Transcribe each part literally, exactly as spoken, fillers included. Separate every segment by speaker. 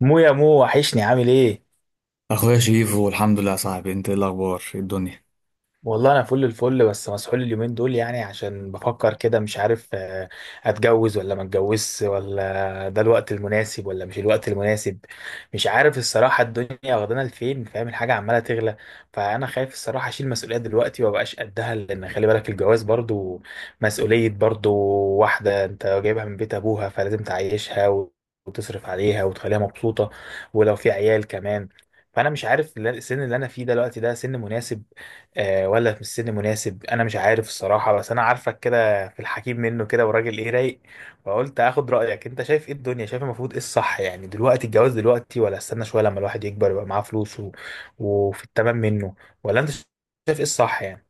Speaker 1: مو يا مو وحشني، عامل ايه؟
Speaker 2: اخويا شريفو، الحمد لله يا صاحبي. انت ايه الاخبار؟ ايه الدنيا؟
Speaker 1: والله انا فل الفل، بس مسحول اليومين دول يعني عشان بفكر كده مش عارف آه، اتجوز ولا ما اتجوزش، ولا ده الوقت المناسب ولا مش الوقت المناسب. مش عارف الصراحة، الدنيا واخدانا لفين، فاهم الحاجة عمالة تغلى. فانا خايف الصراحة اشيل مسؤولية دلوقتي ومبقاش قدها، لان خلي بالك الجواز برضو مسؤولية. برضو واحدة انت جايبها من بيت ابوها فلازم تعيشها و- وتصرف عليها وتخليها مبسوطة، ولو في عيال كمان. فانا مش عارف، لا- السن اللي انا فيه دلوقتي ده سن مناسب آه، ولا في السن مناسب. انا مش عارف الصراحه، بس انا عارفك كده في الحكيم منه كده وراجل ايه رايق. فقلت اخد رايك، انت شايف ايه الدنيا؟ شايف المفروض ايه الصح يعني؟ دلوقتي الجواز دلوقتي ولا استنى شويه لما الواحد يكبر يبقى معاه فلوس و... وفي التمام منه، ولا انت شايف ايه الصح يعني؟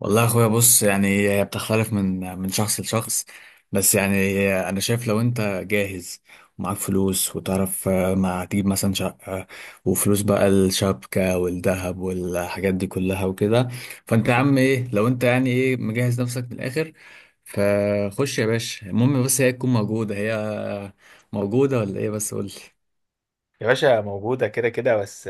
Speaker 2: والله يا اخويا بص، يعني هي بتختلف من من شخص لشخص. بس يعني انا شايف لو انت جاهز ومعاك فلوس وتعرف آه، ما تجيب مثلا شقة، وفلوس بقى الشبكة والذهب والحاجات دي كلها وكده. فانت يا عم ايه، لو انت يعني ايه مجهز نفسك من الاخر، فخش يا باشا. المهم بس هي تكون موجودة، هي موجودة ولا ايه؟ بس قولي.
Speaker 1: يا باشا، موجودة كده كده. بس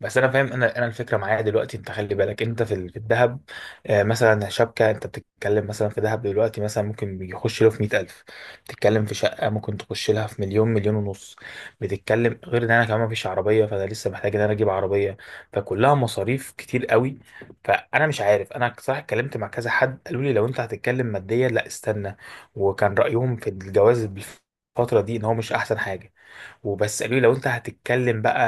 Speaker 1: بس أنا فاهم، أنا أنا الفكرة معايا دلوقتي، أنت خلي بالك أنت في ال- في الذهب. آه، مثلا شبكة، أنت بتتكلم مثلا في ذهب دلوقتي مثلا ممكن يخش له في مية ألف. بتتكلم في شقة ممكن تخش لها في مليون، مليون ونص. بتتكلم غير إن أنا كمان مفيش عربية، فأنا لسه محتاج إن أنا أجيب عربية. فكلها مصاريف كتير قوي. فأنا مش عارف، أنا صراحة اتكلمت مع كذا حد قالوا لي لو أنت هتتكلم ماديا، لا استنى. وكان رأيهم في الجواز بالفترة دي إن هو مش أحسن حاجة. وبس قالوا لي لو انت هتتكلم بقى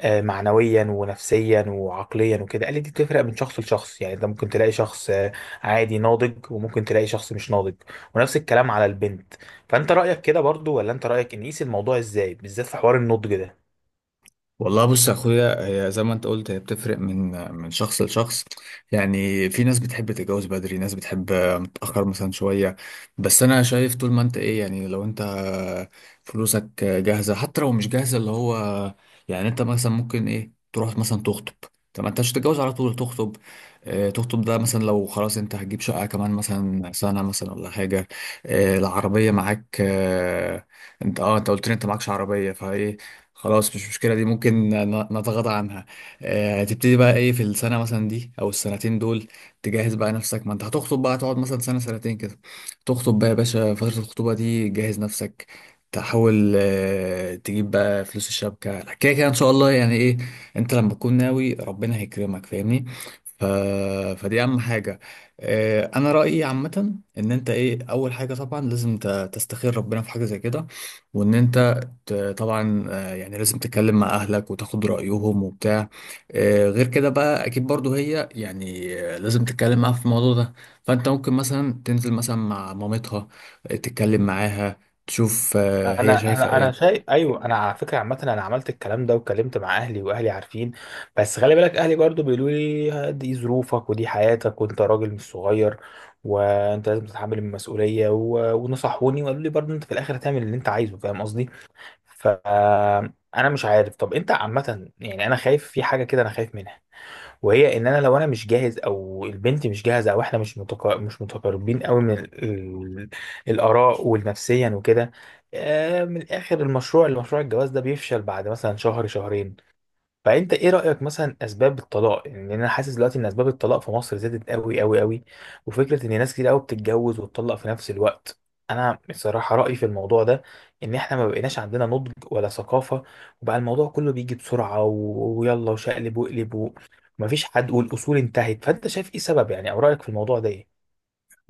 Speaker 1: آه، معنويا ونفسيا وعقليا وكده، قال لي دي بتفرق من شخص لشخص. يعني انت ممكن تلاقي شخص آه، عادي ناضج، وممكن تلاقي شخص مش ناضج، ونفس الكلام على البنت. فانت رأيك كده برضو، ولا انت رأيك ان نقيس الموضوع ازاي بالذات في حوار النضج ده؟
Speaker 2: والله بص يا اخويا، هي زي ما انت قلت هي بتفرق من من شخص لشخص. يعني في ناس بتحب تتجوز بدري، ناس بتحب متأخر مثلا شوية. بس انا شايف طول ما انت ايه يعني، لو انت فلوسك جاهزة، حتى لو مش جاهزة اللي هو يعني انت مثلا ممكن ايه تروح مثلا تخطب. طب ما انت مش هتتجوز على طول، تخطب. آه، تخطب ده مثلا لو خلاص انت هتجيب شقة كمان مثلا سنة مثلا ولا حاجة. آه، العربية معاك. آه، انت اه انت قلت لي انت معكش عربية فايه. خلاص مش مشكلة، دي ممكن ن- نتغاضى عنها. آه، تبتدي بقى ايه في السنة مثلا دي او السنتين دول. تجهز بقى نفسك، ما انت هتخطب بقى، تقعد مثلا سنة سنتين كده. تخطب بقى يا باشا. فترة الخطوبة دي جهز نفسك، تحاول آه، تجيب بقى فلوس الشبكة كده كده، ان شاء الله يعني ايه. انت لما تكون ناوي ربنا هيكرمك، فاهمني. ف... فدي اهم حاجة. آه، انا رأيي عامة ان انت ايه، اول حاجة طبعا لازم ت- تستخير ربنا في حاجة زي كده. وان انت آه، طبعا آه، يعني لازم تتكلم مع اهلك وتاخد رايهم وبتاع. آه، غير كده بقى اكيد برضو هي يعني آه، لازم تتكلم معاها في الموضوع ده. فانت ممكن مثلا تنزل مثلا مع مامتها، آه، تتكلم معاها، تشوف آه، هي
Speaker 1: انا
Speaker 2: شايفه
Speaker 1: انا انا
Speaker 2: ايه.
Speaker 1: شايف، ايوه، انا على فكره عامه انا عملت الكلام ده واتكلمت مع اهلي واهلي عارفين. بس خلي بالك اهلي برضو بيقولوا لي دي ظروفك ودي حياتك وانت راجل مش صغير، وانت لازم تتحمل المسؤوليه و... ونصحوني وقالوا لي برضو انت في الاخر هتعمل اللي انت عايزه، فاهم قصدي. فانا مش عارف، طب انت عامه يعني انا خايف في حاجه كده، انا خايف منها. وهي ان انا لو انا مش جاهز او البنت مش جاهزه او احنا مش متقا... مش متقاربين قوي من ال... ال... الاراء والنفسيا وكده. آه من الاخر، المشروع المشروع الجواز ده بيفشل بعد مثلا شهر شهرين. فانت ايه رايك مثلا اسباب الطلاق؟ يعني لأن انا حاسس دلوقتي ان اسباب الطلاق في مصر زادت قوي قوي قوي. وفكره ان ناس كتير قوي بتتجوز وتطلق في نفس الوقت. انا بصراحه رايي في الموضوع ده ان احنا ما بقيناش عندنا نضج ولا ثقافه، وبقى الموضوع كله بيجي بسرعه و- ويلا وشقلب وقلب ومفيش حد، والاصول انتهت. فانت شايف ايه سبب يعني، او رايك في الموضوع ده ايه؟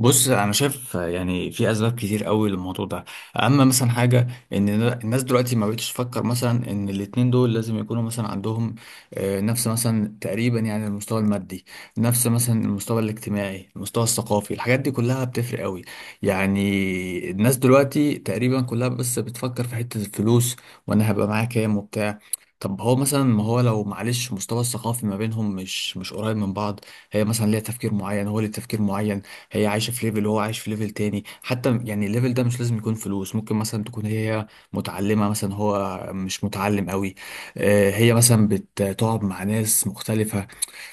Speaker 2: بص، انا شايف يعني في اسباب كتير قوي للموضوع ده. اما مثلا حاجه، ان الناس دلوقتي ما بقتش تفكر مثلا ان الاتنين دول لازم يكونوا مثلا عندهم آه، نفس مثلا تقريبا يعني المستوى المادي، نفس مثلا المستوى الاجتماعي، المستوى الثقافي، الحاجات دي كلها بتفرق قوي. يعني الناس دلوقتي تقريبا كلها بس بتفكر في حته الفلوس، وانا هبقى معايا كام وبتاع. طب هو مثلا ما هو لو معلش مستوى الثقافي ما بينهم مش مش قريب من بعض، هي مثلا ليها تفكير معين، هو ليه تفكير معين. هي عايشة في ليفل وهو عايش في ليفل تاني، حتى يعني الليفل ده مش لازم يكون فلوس، ممكن مثلا تكون هي متعلمة مثلا هو مش متعلم قوي. آه، هي مثلا بتقعد مع ناس مختلفة.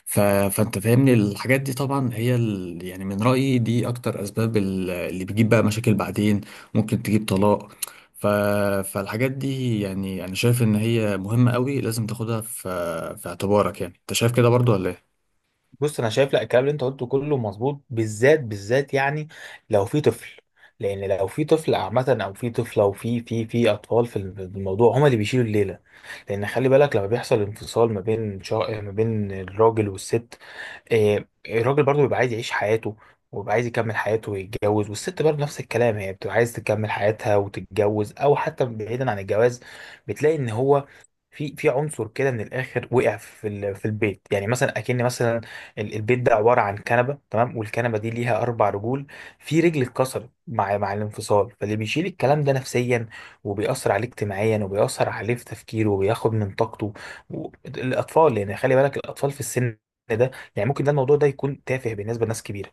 Speaker 2: ف... فانت فاهمني، الحاجات دي طبعا هي ال... يعني من رأيي دي اكتر اسباب ال- اللي بتجيب بقى مشاكل بعدين، ممكن تجيب طلاق. ف... فالحاجات دي يعني انا شايف ان هي مهمة قوي، لازم تاخدها في في اعتبارك. يعني انت شايف كده برضو ولا إيه؟
Speaker 1: بص، انا شايف لا، الكلام اللي انت قلته كله مظبوط، بالذات بالذات يعني لو في طفل. لان لو في طفل عامه، او في طفله، او في في في اطفال في الموضوع، هما اللي بيشيلوا الليله. لان خلي بالك لما بيحصل انفصال ما بين شا... ما بين الراجل والست. آه، الراجل برضه بيبقى عايز يعيش حياته، وبيبقى عايز يكمل حياته ويتجوز، والست برضه نفس الكلام هي بتبقى عايز تكمل حياتها وتتجوز، او حتى بعيدا عن الجواز. بتلاقي ان هو في في عنصر كده من الاخر وقع في ال- في البيت، يعني مثلا اكن مثلا ال- البيت ده عباره عن كنبه، تمام، والكنبه دي ليها اربع رجول، في رجل اتكسرت مع مع الانفصال، فاللي بيشيل الكلام ده نفسيا، وبيأثر عليه اجتماعيا، وبيأثر عليه في تفكيره، وبياخد من طاقته و- الاطفال، يعني خلي بالك الاطفال في السن ده. يعني ممكن ده الموضوع ده يكون تافه بالنسبه لناس كبيره،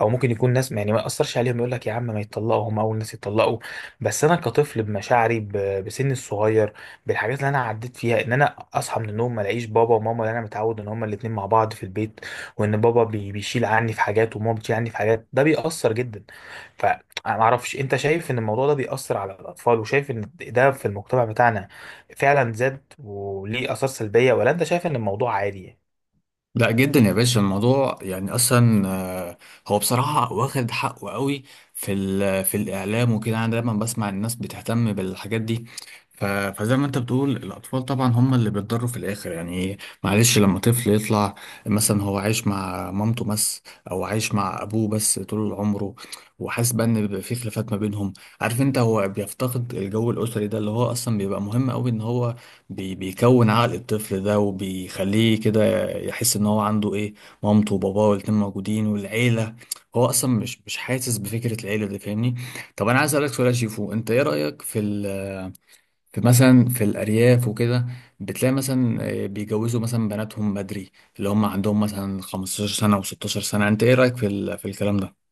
Speaker 1: او ممكن يكون ناس يعني ما ياثرش عليهم، يقول لك يا عم ما يتطلقوا، هم اول ناس يتطلقوا. بس انا كطفل، بمشاعري، ب- بسني الصغير، بالحاجات اللي انا عديت فيها، ان انا اصحى من النوم ما الاقيش بابا وماما، اللي انا متعود ان هما الاتنين مع بعض في البيت. وان بابا بي- بيشيل عني في حاجات، وماما بتشيل عني في حاجات، ده بيأثر جدا. فانا ما اعرفش، انت شايف ان الموضوع ده بيأثر على الاطفال، وشايف ان ده في المجتمع بتاعنا فعلا زاد وليه آثار سلبية، ولا انت شايف ان الموضوع عادي يعني؟
Speaker 2: لا جدا يا باشا، الموضوع يعني اصلا آه، هو بصراحه واخد حقه قوي في ال- في الاعلام وكده، انا دايما بسمع الناس بتهتم بالحاجات دي. ف- فزي ما انت بتقول، الاطفال طبعا هم اللي بيتضروا في الاخر يعني. معلش لما طفل يطلع مثلا هو عايش مع مامته بس، او عايش مع ابوه بس طول عمره، وحاسس بقى ان بيبقى في خلافات ما بينهم. عارف انت، هو بيفتقد الجو الاسري ده، اللي هو اصلا بيبقى مهم قوي ان هو بي بيكون عقل الطفل ده وبيخليه كده يحس ان هو عنده ايه، مامته وباباه والاتنين موجودين والعيله. هو اصلا مش مش حاسس بفكره العيله دي، فاهمني. طب انا عايز اسالك سؤال يا شيفو، انت ايه رايك في ال في مثلا في الارياف وكده. بتلاقي مثلا آه، بيجوزوا مثلا بناتهم بدري، اللي هم عندهم مثلا خمسة عشر سنه و16 سنه، انت ايه رايك في ال في الكلام ده؟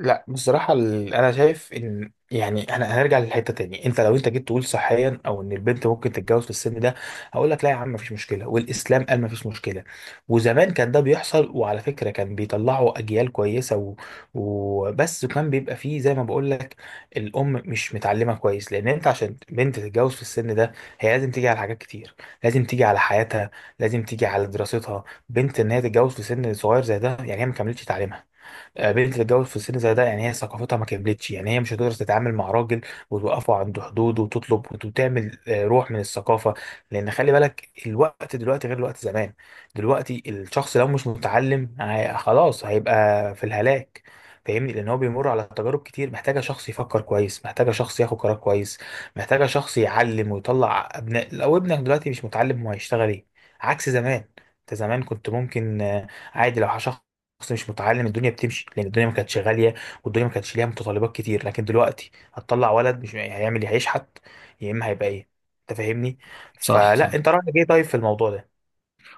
Speaker 1: لا بصراحة ال- أنا شايف إن يعني أنا هنرجع للحتة تاني. أنت لو أنت جيت تقول صحيا أو إن البنت ممكن تتجوز في السن ده، هقول لك لا يا عم مفيش مشكلة، والإسلام قال مفيش مشكلة، وزمان كان ده بيحصل، وعلى فكرة كان بيطلعوا أجيال كويسة و- وبس كان بيبقى فيه زي ما بقول لك، الأم مش متعلمة كويس. لأن أنت عشان بنت تتجوز في السن ده هي لازم تيجي على حاجات كتير، لازم تيجي على حياتها، لازم تيجي على دراستها. بنت إن هي تتجوز في سن صغير زي ده يعني هي ما كملتش تعليمها، قابلت تتجوز في السن زي ده يعني هي ثقافتها ما كملتش، يعني هي مش هتقدر تتعامل مع راجل وتوقفه عند حدوده وتطلب وت- وتعمل آه، روح من الثقافه. لان خلي بالك الوقت دلوقتي غير الوقت زمان، دلوقتي الشخص لو مش متعلم هي- خلاص هيبقى في الهلاك، فاهمني. لان هو بيمر على تجارب كتير، محتاجه شخص يفكر كويس، محتاجه شخص ياخد قرار كويس، محتاجه شخص يعلم ويطلع ابناء. لو ابنك دلوقتي مش متعلم هو هيشتغل ايه؟ عكس زمان، انت زمان كنت ممكن آه، عادي لو شخص شخص مش متعلم الدنيا بتمشي، لان الدنيا ما كانتش غاليه، والدنيا ما كانتش ليها متطلبات كتير. لكن دلوقتي هتطلع ولد مش هيعمل إيه؟ هيشحت، يا اما هيبقى ايه، انت فاهمني.
Speaker 2: صح
Speaker 1: فلا
Speaker 2: صح.
Speaker 1: انت رايك ايه طيب في الموضوع ده؟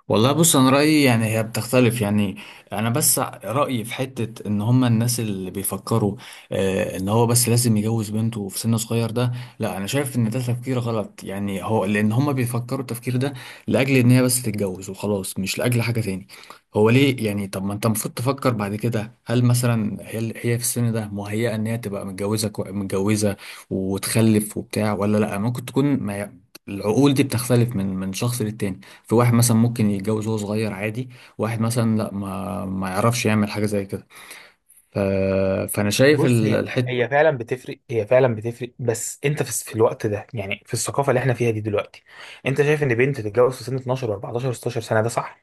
Speaker 2: والله بص، انا رايي يعني هي بتختلف يعني. انا بس رايي في حته، ان هم الناس اللي بيفكروا آه ان هو بس لازم يجوز بنته في سن صغير ده، لا انا شايف ان ده تفكير غلط يعني، هو لان هم بيفكروا التفكير ده لاجل ان هي بس تتجوز وخلاص، مش لاجل حاجه تاني. هو ليه يعني، طب ما انت المفروض تفكر بعد كده، هل مثلا هي هي في السن ده مهيئه ان هي تبقى متجوزه كو- متجوزه وتخلف وبتاع ولا لا، ممكن تكون ما ي- العقول دي بتختلف من من شخص للتاني. في واحد مثلا ممكن يتجوز وهو صغير عادي، واحد مثلا لا، ما ما يعرفش يعمل حاجة زي كده. ف... فأنا شايف
Speaker 1: بص،
Speaker 2: ال-
Speaker 1: هي
Speaker 2: الحت
Speaker 1: هي فعلا بتفرق هي فعلا بتفرق بس انت في في الوقت ده يعني في الثقافه اللي احنا فيها دي دلوقتي، انت شايف ان بنت تتجوز في سن اتناشر و14 و16 سنه ده صح؟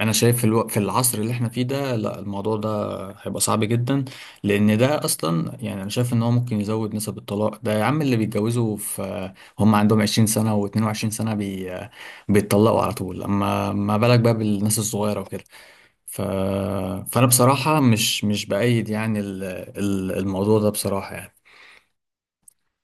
Speaker 2: أنا شايف في, الو... في العصر اللي احنا فيه ده، لا الموضوع ده هيبقى صعب جدا. لأن ده أصلا، يعني أنا شايف إن هو ممكن يزود نسب الطلاق ده، يا عم اللي بيتجوزوا في هم عندهم عشرين سنة و22 سنة بي... بيتطلقوا على طول، أما ما بالك بقى بالناس الصغيرة وكده. ف... فأنا بصراحة مش مش بأيد يعني ال... ال- الموضوع ده بصراحة يعني.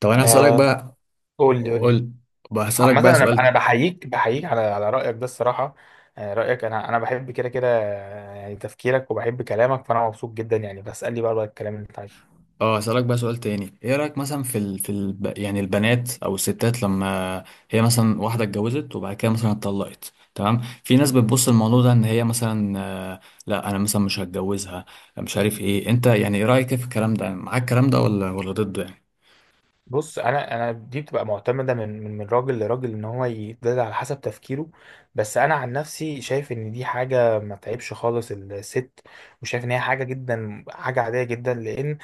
Speaker 2: طب انا هسألك
Speaker 1: آه،
Speaker 2: بقى،
Speaker 1: قول لي قول لي.
Speaker 2: قلت بقى هسألك
Speaker 1: عامة،
Speaker 2: بقى
Speaker 1: انا
Speaker 2: سؤال.
Speaker 1: انا بحييك بحييك على على رأيك ده الصراحة، آه، رأيك، انا انا بحب كده كده، آه، يعني تفكيرك، وبحب كلامك، فانا مبسوط جدا، يعني بسألني بقى بقى الكلام اللي انت عايزه.
Speaker 2: اه هسألك بقى سؤال تاني، ايه رأيك مثلا في ال... في ال... يعني البنات او الستات لما هي مثلا واحدة اتجوزت وبعد كده مثلا اتطلقت، تمام. في ناس بتبص الموضوع ده ان هي مثلا آه، لا، انا مثلا مش هتجوزها، مش عارف ايه. انت يعني ايه رأيك في الكلام ده؟ معاك الكلام ده ولا ولا ضده يعني؟
Speaker 1: بص، انا انا دي بتبقى معتمده من من من راجل لراجل، ان هو يتداد على حسب تفكيره. بس انا عن نفسي شايف ان دي حاجه ما تعيبش خالص الست، وشايف ان هي حاجه جدا حاجه عاديه جدا، لان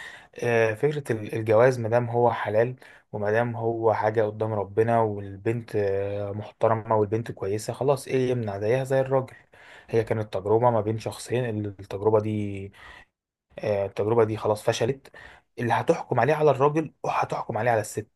Speaker 1: آه، فكره ال- الجواز ما دام هو حلال، وما دام هو حاجه قدام ربنا، والبنت آه، محترمه، والبنت كويسه خلاص، ايه يمنع، زيها زي الراجل. هي كانت تجربه ما بين شخصين. التجربه دي آه، التجربة دي خلاص فشلت، اللي هتحكم عليه على الراجل، وهتحكم عليه على الست.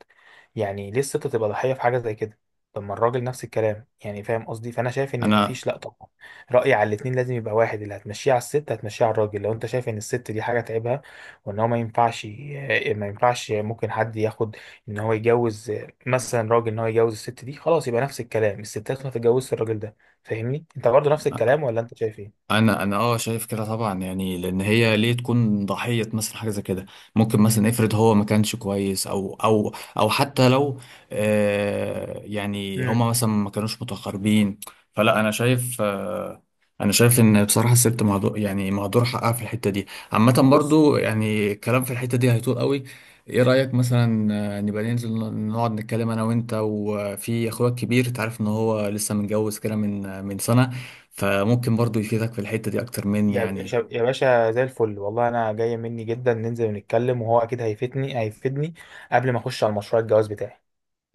Speaker 1: يعني ليه الست تبقى ضحية في حاجة زي كده؟ طب ما الراجل نفس الكلام يعني، فاهم قصدي. فأنا شايف إن
Speaker 2: انا
Speaker 1: مفيش، لأ طبعا. رأيي على الاتنين لازم يبقى واحد، اللي هتمشيه على الست هتمشيه على الراجل. لو أنت شايف إن الست دي حاجة تعبها، وإن هو ما ينفعش ي- ما ينفعش، ممكن حد ياخد إن هو يجوز آه، مثلا راجل إن هو يجوز الست دي خلاص، يبقى نفس الكلام الستات ما تتجوزش الراجل ده. فاهمني، أنت برضه نفس الكلام ولا أنت شايف إيه؟
Speaker 2: انا انا اه شايف كده طبعا يعني، لان هي ليه تكون ضحيه مثلا حاجه زي كده. ممكن مثلا افرض هو ما كانش كويس، او او او حتى لو آه يعني
Speaker 1: مم.
Speaker 2: هما مثلا ما كانوش متقاربين. فلا انا شايف آه انا شايف ان بصراحه الست مهدور، يعني مهدور حقها في الحته دي. عامه
Speaker 1: بص،
Speaker 2: برضو يعني الكلام في الحته دي هيطول قوي. ايه رايك مثلا، آه، نبقى ننزل، نقعد نتكلم انا وانت وفي اخويا الكبير. تعرف ان هو لسه متجوز كده من من سنه، فممكن برضو يفيدك في الحتة دي أكتر مني
Speaker 1: يا
Speaker 2: يعني.
Speaker 1: باشا يا باشا زي الفل، والله انا جايه مني جدا، ننزل ونتكلم وهو اكيد هيفيدني هيفيدني، قبل ما اخش على مشروع الجواز بتاعي.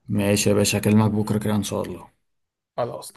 Speaker 2: ماشي يا باشا، هكلمك بكرة كده إن شاء الله.
Speaker 1: خلاص تمام.